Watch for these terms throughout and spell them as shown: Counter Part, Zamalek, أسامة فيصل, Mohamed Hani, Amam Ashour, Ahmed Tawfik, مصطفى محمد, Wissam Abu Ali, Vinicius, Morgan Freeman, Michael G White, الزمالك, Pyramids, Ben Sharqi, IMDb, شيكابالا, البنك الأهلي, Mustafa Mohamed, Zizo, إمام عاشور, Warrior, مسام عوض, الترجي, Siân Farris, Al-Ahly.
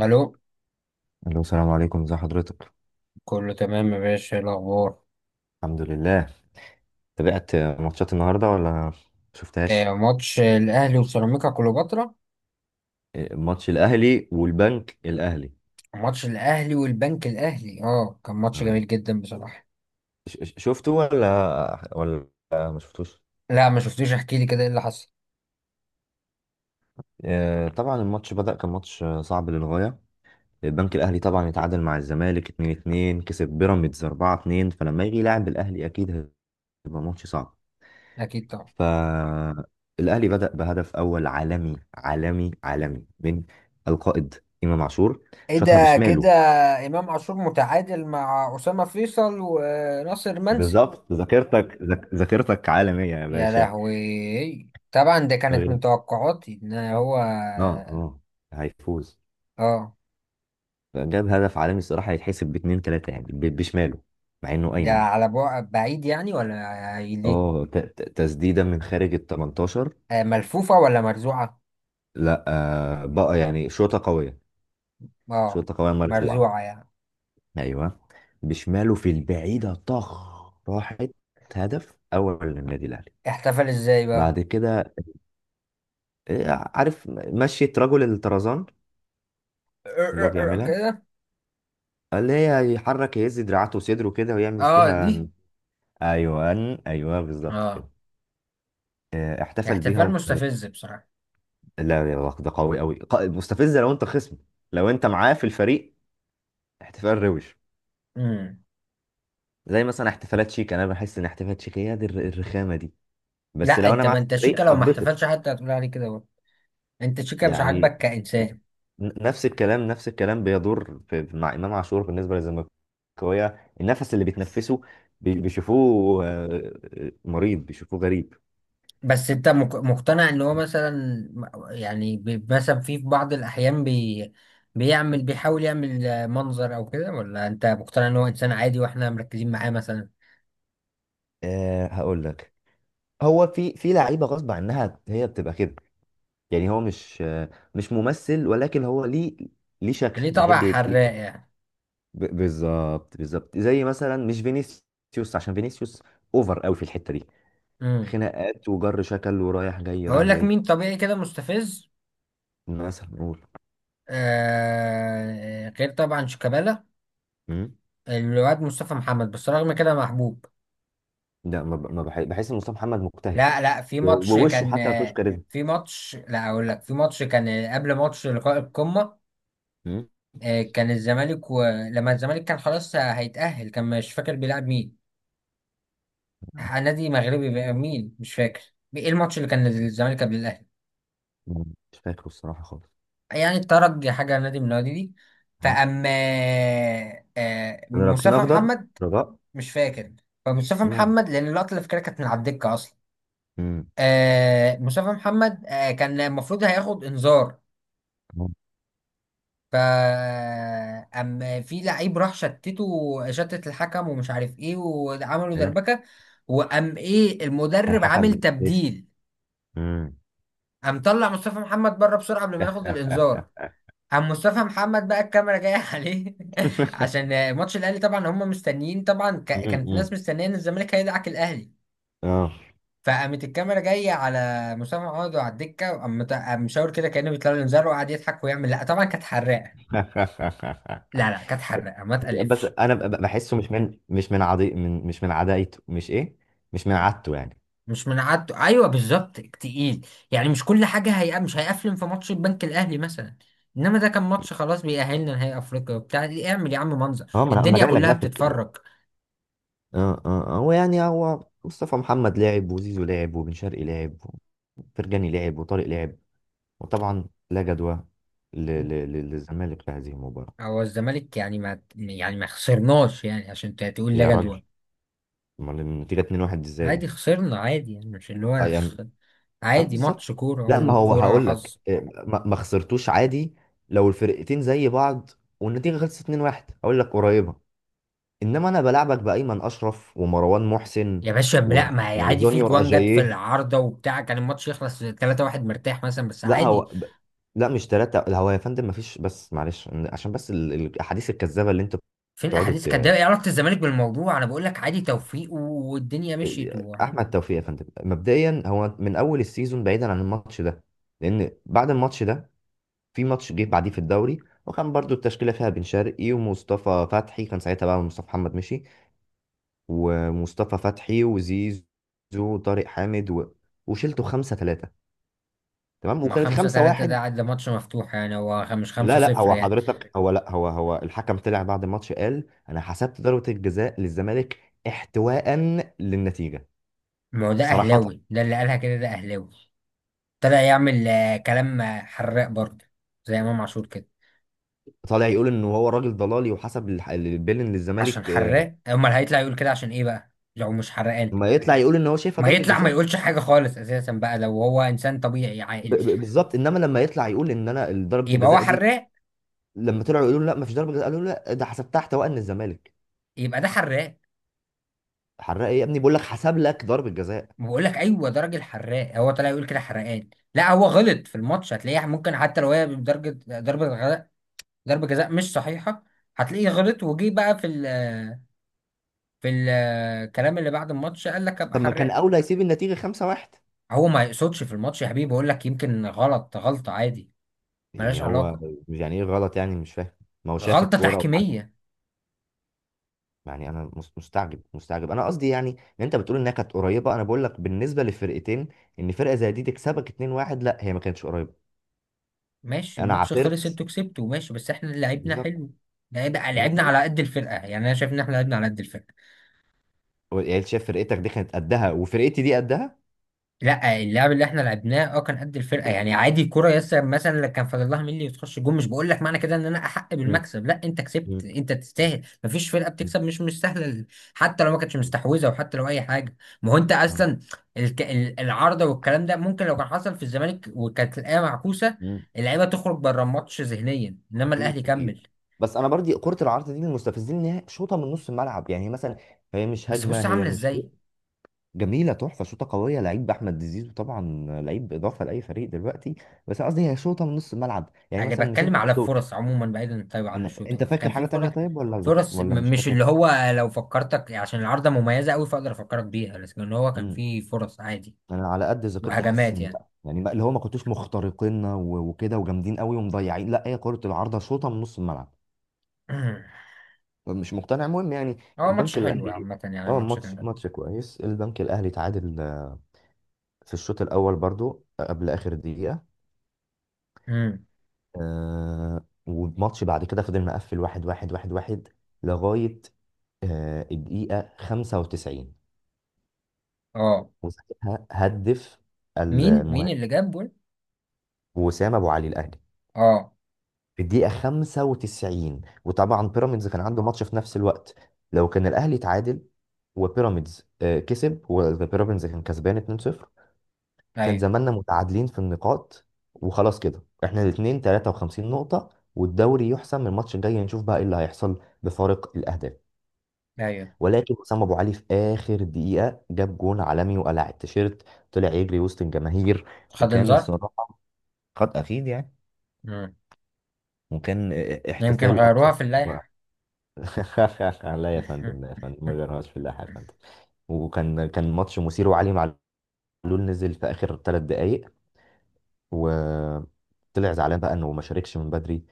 الو، الو، السلام عليكم، ازي حضرتك؟ كله تمام يا باشا، إيه الاخبار؟ الحمد لله. تابعت ماتشات النهارده ولا شفتهاش؟ آه، ماتش الاهلي وسيراميكا كليوباترا. إيه، ماتش الاهلي والبنك الاهلي. ماتش الاهلي والبنك الاهلي، اه كان ماتش آه. جميل جدا بصراحه. شفته ولا ولا ما شفتوش؟ لا ما شفتوش، احكي لي كده ايه اللي حصل. طبعا الماتش بدأ، كان ماتش صعب للغايه. البنك الاهلي طبعا اتعادل مع الزمالك 2-2، كسب بيراميدز 4-2، فلما يجي يلعب الاهلي اكيد هيبقى ماتش صعب. اكيد طبعا. فالاهلي بدأ بهدف اول عالمي عالمي عالمي من القائد امام عاشور، ايه شاطها ده؟ كده. بشماله. امام عاشور متعادل مع اسامه فيصل وناصر منسي. بالظبط، ذاكرتك ذاكرتك عالمية يا يا باشا. لهوي، طبعا ده كانت من غير. توقعاتي ان هو. اه اه هيفوز. اه، جاب هدف عالمي، الصراحة هيتحسب باتنين تلاتة يعني، بشماله، مع انه ده ايمن. على بعد بعيد يعني ولا ليه؟ اه تسديدة من خارج ال 18. آه، ملفوفه ولا مرزوعه؟ لا، آه بقى، يعني شوطة قوية. اه، شوطة قوية مرفوعة. مرزوعه يعني. ايوه. بشماله في البعيدة، طخ، راحت. هدف اول للنادي الاهلي. احتفل ازاي بقى؟ بعد كده، إيه، عارف مشية رجل الطرزان، اللي هو بيعملها، كده. اللي هي يحرك، يهز دراعاته وصدره كده، ويعمل اه دي. فيها ايوه، ايوه بالظبط اه. كده. احتفل بيها احتفال وكانت، مستفز بصراحة. لا يا الله، ده قوي قوي، مستفزه لو انت خصم، لو انت معاه في الفريق احتفال روش. امم. زي مثلا احتفالات شيك، انا بحس ان احتفالات شيك هي دي الرخامه دي. بس لا لو انا انت، معاه ما في انت الفريق شيكا لو ما هتبسط. احتفلش حتى هتقول عليه كده برضه. انت شيكا مش يعني، عاجبك كإنسان. نفس الكلام، نفس الكلام بيدور مع امام عاشور بالنسبه للزملكاويه، النفس اللي بيتنفسه بيشوفوه مريض، بيشوفوه غريب. بس انت مقتنع ان هو مثلا، يعني، مثلا في بعض الأحيان بي، بيحاول يعمل منظر او كده، ولا انت مقتنع ان هو انسان عادي واحنا مركزين معاه مثلا؟ أه، هقول لك. هو في لعيبه غصب عنها هي بتبقى كده، يعني هو مش ممثل، ولكن هو ليه، ليه شكل، ليه طبع بيحب يبقى ليه حراق شكل. يعني. بالظبط بالظبط. زي مثلا مش فينيسيوس، عشان فينيسيوس اوفر قوي في الحته دي، امم. خناقات وجر شكل ورايح جاي، هقول رايح لك جاي. مين طبيعي كده مستفز. مثلا نقول. آه، غير طبعا شيكابالا. مم؟ الواد مصطفى محمد بس رغم كده محبوب. لا، ما ب- ما بح- بحس ان مصطفى محمد مجتهد، لا لا، في ماتش ووشه كان. حتى ما فيهوش كاريزما. في ماتش، لا اقول لك، في ماتش كان قبل ماتش لقاء القمة. مم؟ كان الزمالك، ولما الزمالك كان خلاص هيتأهل، كان مش فاكر بيلعب مين. نادي مغربي بقى، مين مش فاكر. ايه الماتش اللي كان الزمالك قبل الأهلي؟ مم. مش فاكره الصراحه خالص. يعني الترجي، حاجة نادي من النوادي دي. مم؟ فأما رابطين مصطفى اخضر، محمد. رجاء. مش فاكر. فمصطفى مم. محمد، لأن اللقطة اللي فاكرها كانت من على الدكة أصلا. مم. آه مصطفى محمد، آه كان المفروض هياخد انذار. مم. ف، أم، في لعيب راح شتته، شتت الحكم، ومش عارف ايه، وعملوا ايوه. دربكه. وقام ايه المدرب عامل الحكم. تبديل. مم. قام طلع مصطفى محمد بره بسرعه قبل ما ياخد الانذار. قام مصطفى محمد بقى الكاميرا جايه عليه، عشان ماتش الاهلي طبعا، هم مستنيين طبعا، مم. كانت الناس مم. مستنيه ان الزمالك هيدعك الاهلي. اه. فقامت الكاميرا جايه على مسام عوض وعلى الدكه، وقام قام مشاور كده كانه بيطلع له انذار، وقعد يضحك ويعمل لا، طبعا كانت حراقه. لا لا، كانت حراقه، ما بس تقلفش. انا بحسه مش من، مش من عضي، من مش من عدايته، مش ايه، مش من عادته يعني. مش من عادته، ايوه بالظبط، تقيل. يعني مش كل حاجه هي، مش هيقفلن في ماتش البنك الاهلي مثلا، انما ده كان ماتش خلاص بيأهلنا نهائي افريقيا وبتاع. اعمل يا عم منظر، اه، ما انا، ما أنا الدنيا جاي لك كلها بقى في بتتفرج. اه آه. هو يعني، هو مصطفى محمد لعب، وزيزو لعب، وبن شرقي لعب، وفرجاني لعب، وطارق لعب، وطبعا لا جدوى للزمالك في هذه المباراة. هو الزمالك يعني ما، يعني ما خسرناش يعني عشان تقول يا لا جدول. راجل، امال النتيجة 2-1 ازاي عادي يعني؟ خسرنا، عادي يعني، مش اللي اه هو يعني. اه عادي، بالظبط. ماتش كورة لا، ما هو وكورة هقول لك، حظ. إيه، ما خسرتوش عادي. لو الفرقتين زي بعض والنتيجه خلصت 2-1 هقول لك قريبه، انما انا بلعبك بايمن اشرف ومروان محسن يا باشا لا، ما هي عادي، في وجونيور. جوان جت في اجاييه. العارضة وبتاع، كان الماتش يخلص 3-1 مرتاح مثلا، بس لا، عادي. لا، مش ثلاثه، لا هو يا فندم ما فيش، بس معلش عشان بس الاحاديث الكذابه اللي انتوا فين بتقعدوا احاديث؟ كانت ت... ايه علاقة الزمالك بالموضوع؟ انا بقول لك عادي، توفيق والدنيا مشيت آه، وعادي. احمد توفيق يا فندم، مبدئيا هو من اول السيزون بعيدا عن الماتش ده، لان بعد الماتش ده في ماتش جه بعديه في الدوري، وكان برضو التشكيلة فيها بن شرقي ومصطفى فتحي، كان ساعتها بقى مصطفى محمد مشي، ومصطفى فتحي وزيزو وطارق حامد و... وشلته خمسة ثلاثة، تمام، ما وكانت خمسة 5-3 ده، واحد. عاد ده ماتش مفتوح يعني، هو مش لا لا 5-0 هو يعني. حضرتك هو لا هو هو الحكم طلع بعد الماتش قال أنا حسبت ضربة الجزاء للزمالك احتواء للنتيجة. ما هو ده صراحة اهلاوي، ده اللي قالها كده ده اهلاوي. طلع يعمل كلام حراق برضه، زي امام عاشور كده. طالع يقول إن هو راجل ضلالي، وحسب البيلن عشان للزمالك. آه، حراق، امال هيطلع يقول كده عشان ايه بقى لو مش حرقان؟ ما يطلع يقول إن هو شايفها ما ضربة يطلع ما جزاء. يقولش حاجة خالص اساسا بقى لو هو انسان طبيعي عاقل. بالظبط. انما لما يطلع يقول ان انا ضربه يبقى هو الجزاء دي، حراق. لما طلعوا يقولوا لا مفيش ضربه جزاء، قالوا لا ده حسبتها احتواء ان الزمالك. يبقى ده حراق. حرق ايه يا ابني؟ بقول لك حسب لك ضربه جزاء. ما بقول لك ايوه، ده راجل حراق، هو طلع يقول كده حرقان. لا، هو غلط في الماتش هتلاقيه ممكن، حتى لو هي بدرجه ضربه ضربه جزاء مش صحيحه، هتلاقيه غلط وجي بقى في الكلام اللي بعد الماتش قال لك، ابقى طب ما كان حراق. اولى يسيب النتيجه 5-1 هو ما يقصدش في الماتش يا حبيبي، بقول لك يمكن غلط، غلطه عادي ملهاش يعني. هو علاقه، يعني ايه غلط؟ يعني مش فاهم، ما هو شايف غلطه الكوره وعجبه. تحكيميه. يعني انا مستعجب، مستعجب. انا قصدي يعني، ان انت بتقول انها كانت قريبه، انا بقول لك بالنسبه للفرقتين، ان فرقه زي دي تكسبك 2-1، لا هي ما كانتش قريبه. ماشي، انا الماتش خلص، عثرت، انتوا كسبتوا ماشي، بس احنا لعبنا بالظبط. حلو. لعبنا مبروك. على قد الفرقه يعني، انا شايف ان احنا لعبنا على قد الفرقه. يعني أنت شايف فرقتك دي كانت قدها، وفرقتي دي قدها. لا، اللعب اللي احنا لعبناه اه كان قد الفرقه، يعني عادي، كرة يسر مثلا لو كان فاضل لها ملي وتخش جون، مش بقول لك معنى كده ان انا احق مم. بالمكسب، لا انت كسبت، انت تستاهل، مفيش فرقه مم. بتكسب، مش سهله. حتى لو ما كانتش مستحوذه، وحتى لو اي حاجه. ما هو انت آه. اصلا العارضه والكلام ده، ممكن لو كان حصل في الزمالك وكانت الايه معكوسه، مم. اللعيبه تخرج بره الماتش ذهنيا، انما اكيد الاهلي اكيد. كمل. بس انا برضي كرة العرض دي من المستفزين، ان هي شوطة من نص الملعب يعني، هي مثلا، هي مش بس هجمة، بص هي عامله مش ازاي. شيء. جميلة، تحفة، شوطة قوية، لعيب احمد زيزو طبعا، لعيب اضافة لاي فريق دلوقتي. بس أنا قصدي هي شوطة من نص الملعب، يعني اللي مثلا مش بتكلم انت على كنت. الفرص عموما، بعيدا طيب عن انا ف... الشوتنج، انت فاكر كان في حاجة تانية فرص. طيب، ولا ذك... فرص، ولا مش مش اللي فاكر؟ هو، لو فكرتك عشان العارضة مميزة قوي فاقدر افكرك بيها، لكن هو كان امم في فرص عادي انا على قد ذاكرتي حاسس وهجمات ان يعني. لا، يعني اللي هو ما كنتوش مخترقين و... وكده وجامدين قوي ومضيعين. لا، هي كرة العارضة شوطة من نص الملعب. مش مقتنع، المهم يعني. هو ماتش البنك حلو الاهلي. عامة يعني، اه، ماتش كان ماتش، جميل. ماتش كويس، البنك الاهلي تعادل في الشوط الاول برضو، قبل اخر دقيقه. امم. والماتش بعد كده فضل مقفل واحد واحد واحد واحد لغايه الدقيقه 95، اه. وساعتها هدف مين مين اللي المهاجم جاب جول؟ وسام ابو علي الاهلي اه. في الدقيقه 95. وطبعا بيراميدز كان عنده ماتش في نفس الوقت، لو كان الاهلي تعادل وبيراميدز كسب، وبيراميدز كان كسبان 2-0، كان ايوه. زماننا متعادلين في النقاط، وخلاص كده احنا الاثنين 53 نقطة، والدوري يحسم الماتش الجاي، نشوف بقى ايه اللي هيحصل بفارق الأهداف. ايوه. ولكن حسام أبو علي في آخر دقيقة جاب جون عالمي وقلع التيشيرت، طلع يجري وسط الجماهير. خد وكان انذار. الصراحة، خد أخيد يعني، امم. وكان يمكن احتفال أكتر. غيروها في اللائحة. لا يا فندم، لا يا فندم، ما غيرهاش في الله يا فندم. وكان، كان ماتش مثير. وعلي معلول نزل في آخر ثلاث دقايق، وطلع زعلان بقى انه ما شاركش من بدري،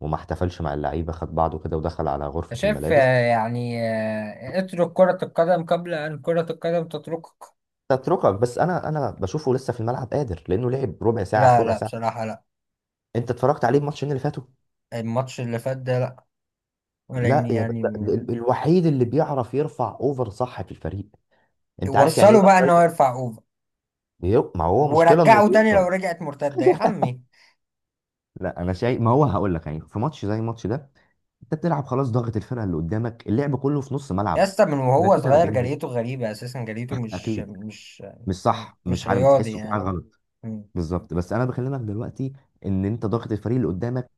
وما احتفلش مع اللعيبه، خد بعضه كده ودخل على غرفه أنت شايف الملابس. يعني، اترك كرة القدم قبل أن كرة القدم تتركك. تتركك. بس انا، انا بشوفه لسه في الملعب قادر، لانه لعب ربع ساعه في لا ربع لا، ساعه، بصراحة لا. انت اتفرجت عليه الماتشين اللي فاتوا. الماتش اللي فات ده لا. لان لا يا ب... يعني الوحيد اللي بيعرف يرفع اوفر صح في الفريق. انت عارف يعني ايه وصلوا باك بقى ان رايت؟ هو يرفع اوفر، ما هو مشكله انه ورجعوا تاني لو بيوصل. رجعت مرتده يا عمي. لا انا شايف، ما هو هقول لك، يعني في ماتش زي الماتش ده، انت بتلعب خلاص، ضاغط الفرقه اللي قدامك، اللعب كله في نص يا ملعب، اسطى، من وهو 30 صغير 40 متر، جريته غريبه اساسا، جريته مش اكيد. مش مش صح، مش مش عارف، رياضي بتحسه في حاجه يعني. غلط. مم. بالظبط. بس انا بكلمك دلوقتي، ان انت ضاغط الفريق اللي قدامك،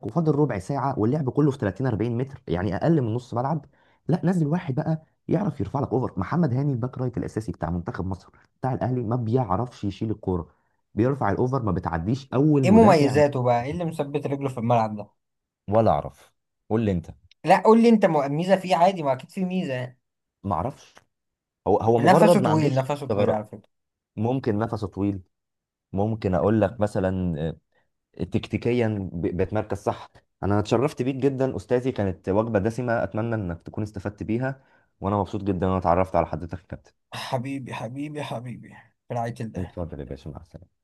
وفاضل ربع ساعه، واللعب كله في 30 40 متر، يعني اقل من نص ملعب. لا نزل واحد بقى يعرف يرفع لك اوفر. محمد هاني الباك رايت الاساسي بتاع منتخب مصر، بتاع الاهلي، ما بيعرفش يشيل الكوره، بيرفع الاوفر ما بتعديش اول ايه مدافع. مميزاته بقى؟ ايه اللي مثبت رجله في الملعب ده؟ ولا اعرف، قول لي انت. لا، قول لي انت، ميزه فيه عادي، ما اكيد في ميزه يعني. ما اعرفش، هو هو نفسه مجرد ما طويل، عندوش نفسه طويل على ثغرات. فكره. ممكن نفسه طويل. ممكن اقول لك مثلا تكتيكيا بتمركز صح. انا اتشرفت بيك جدا استاذي، كانت وجبه دسمه، اتمنى انك تكون استفدت بيها، وانا مبسوط جدا ان انا اتعرفت على حضرتك يا كابتن. حبيبي حبيبي حبيبي. اتفضل يا باشا، مع السلامه.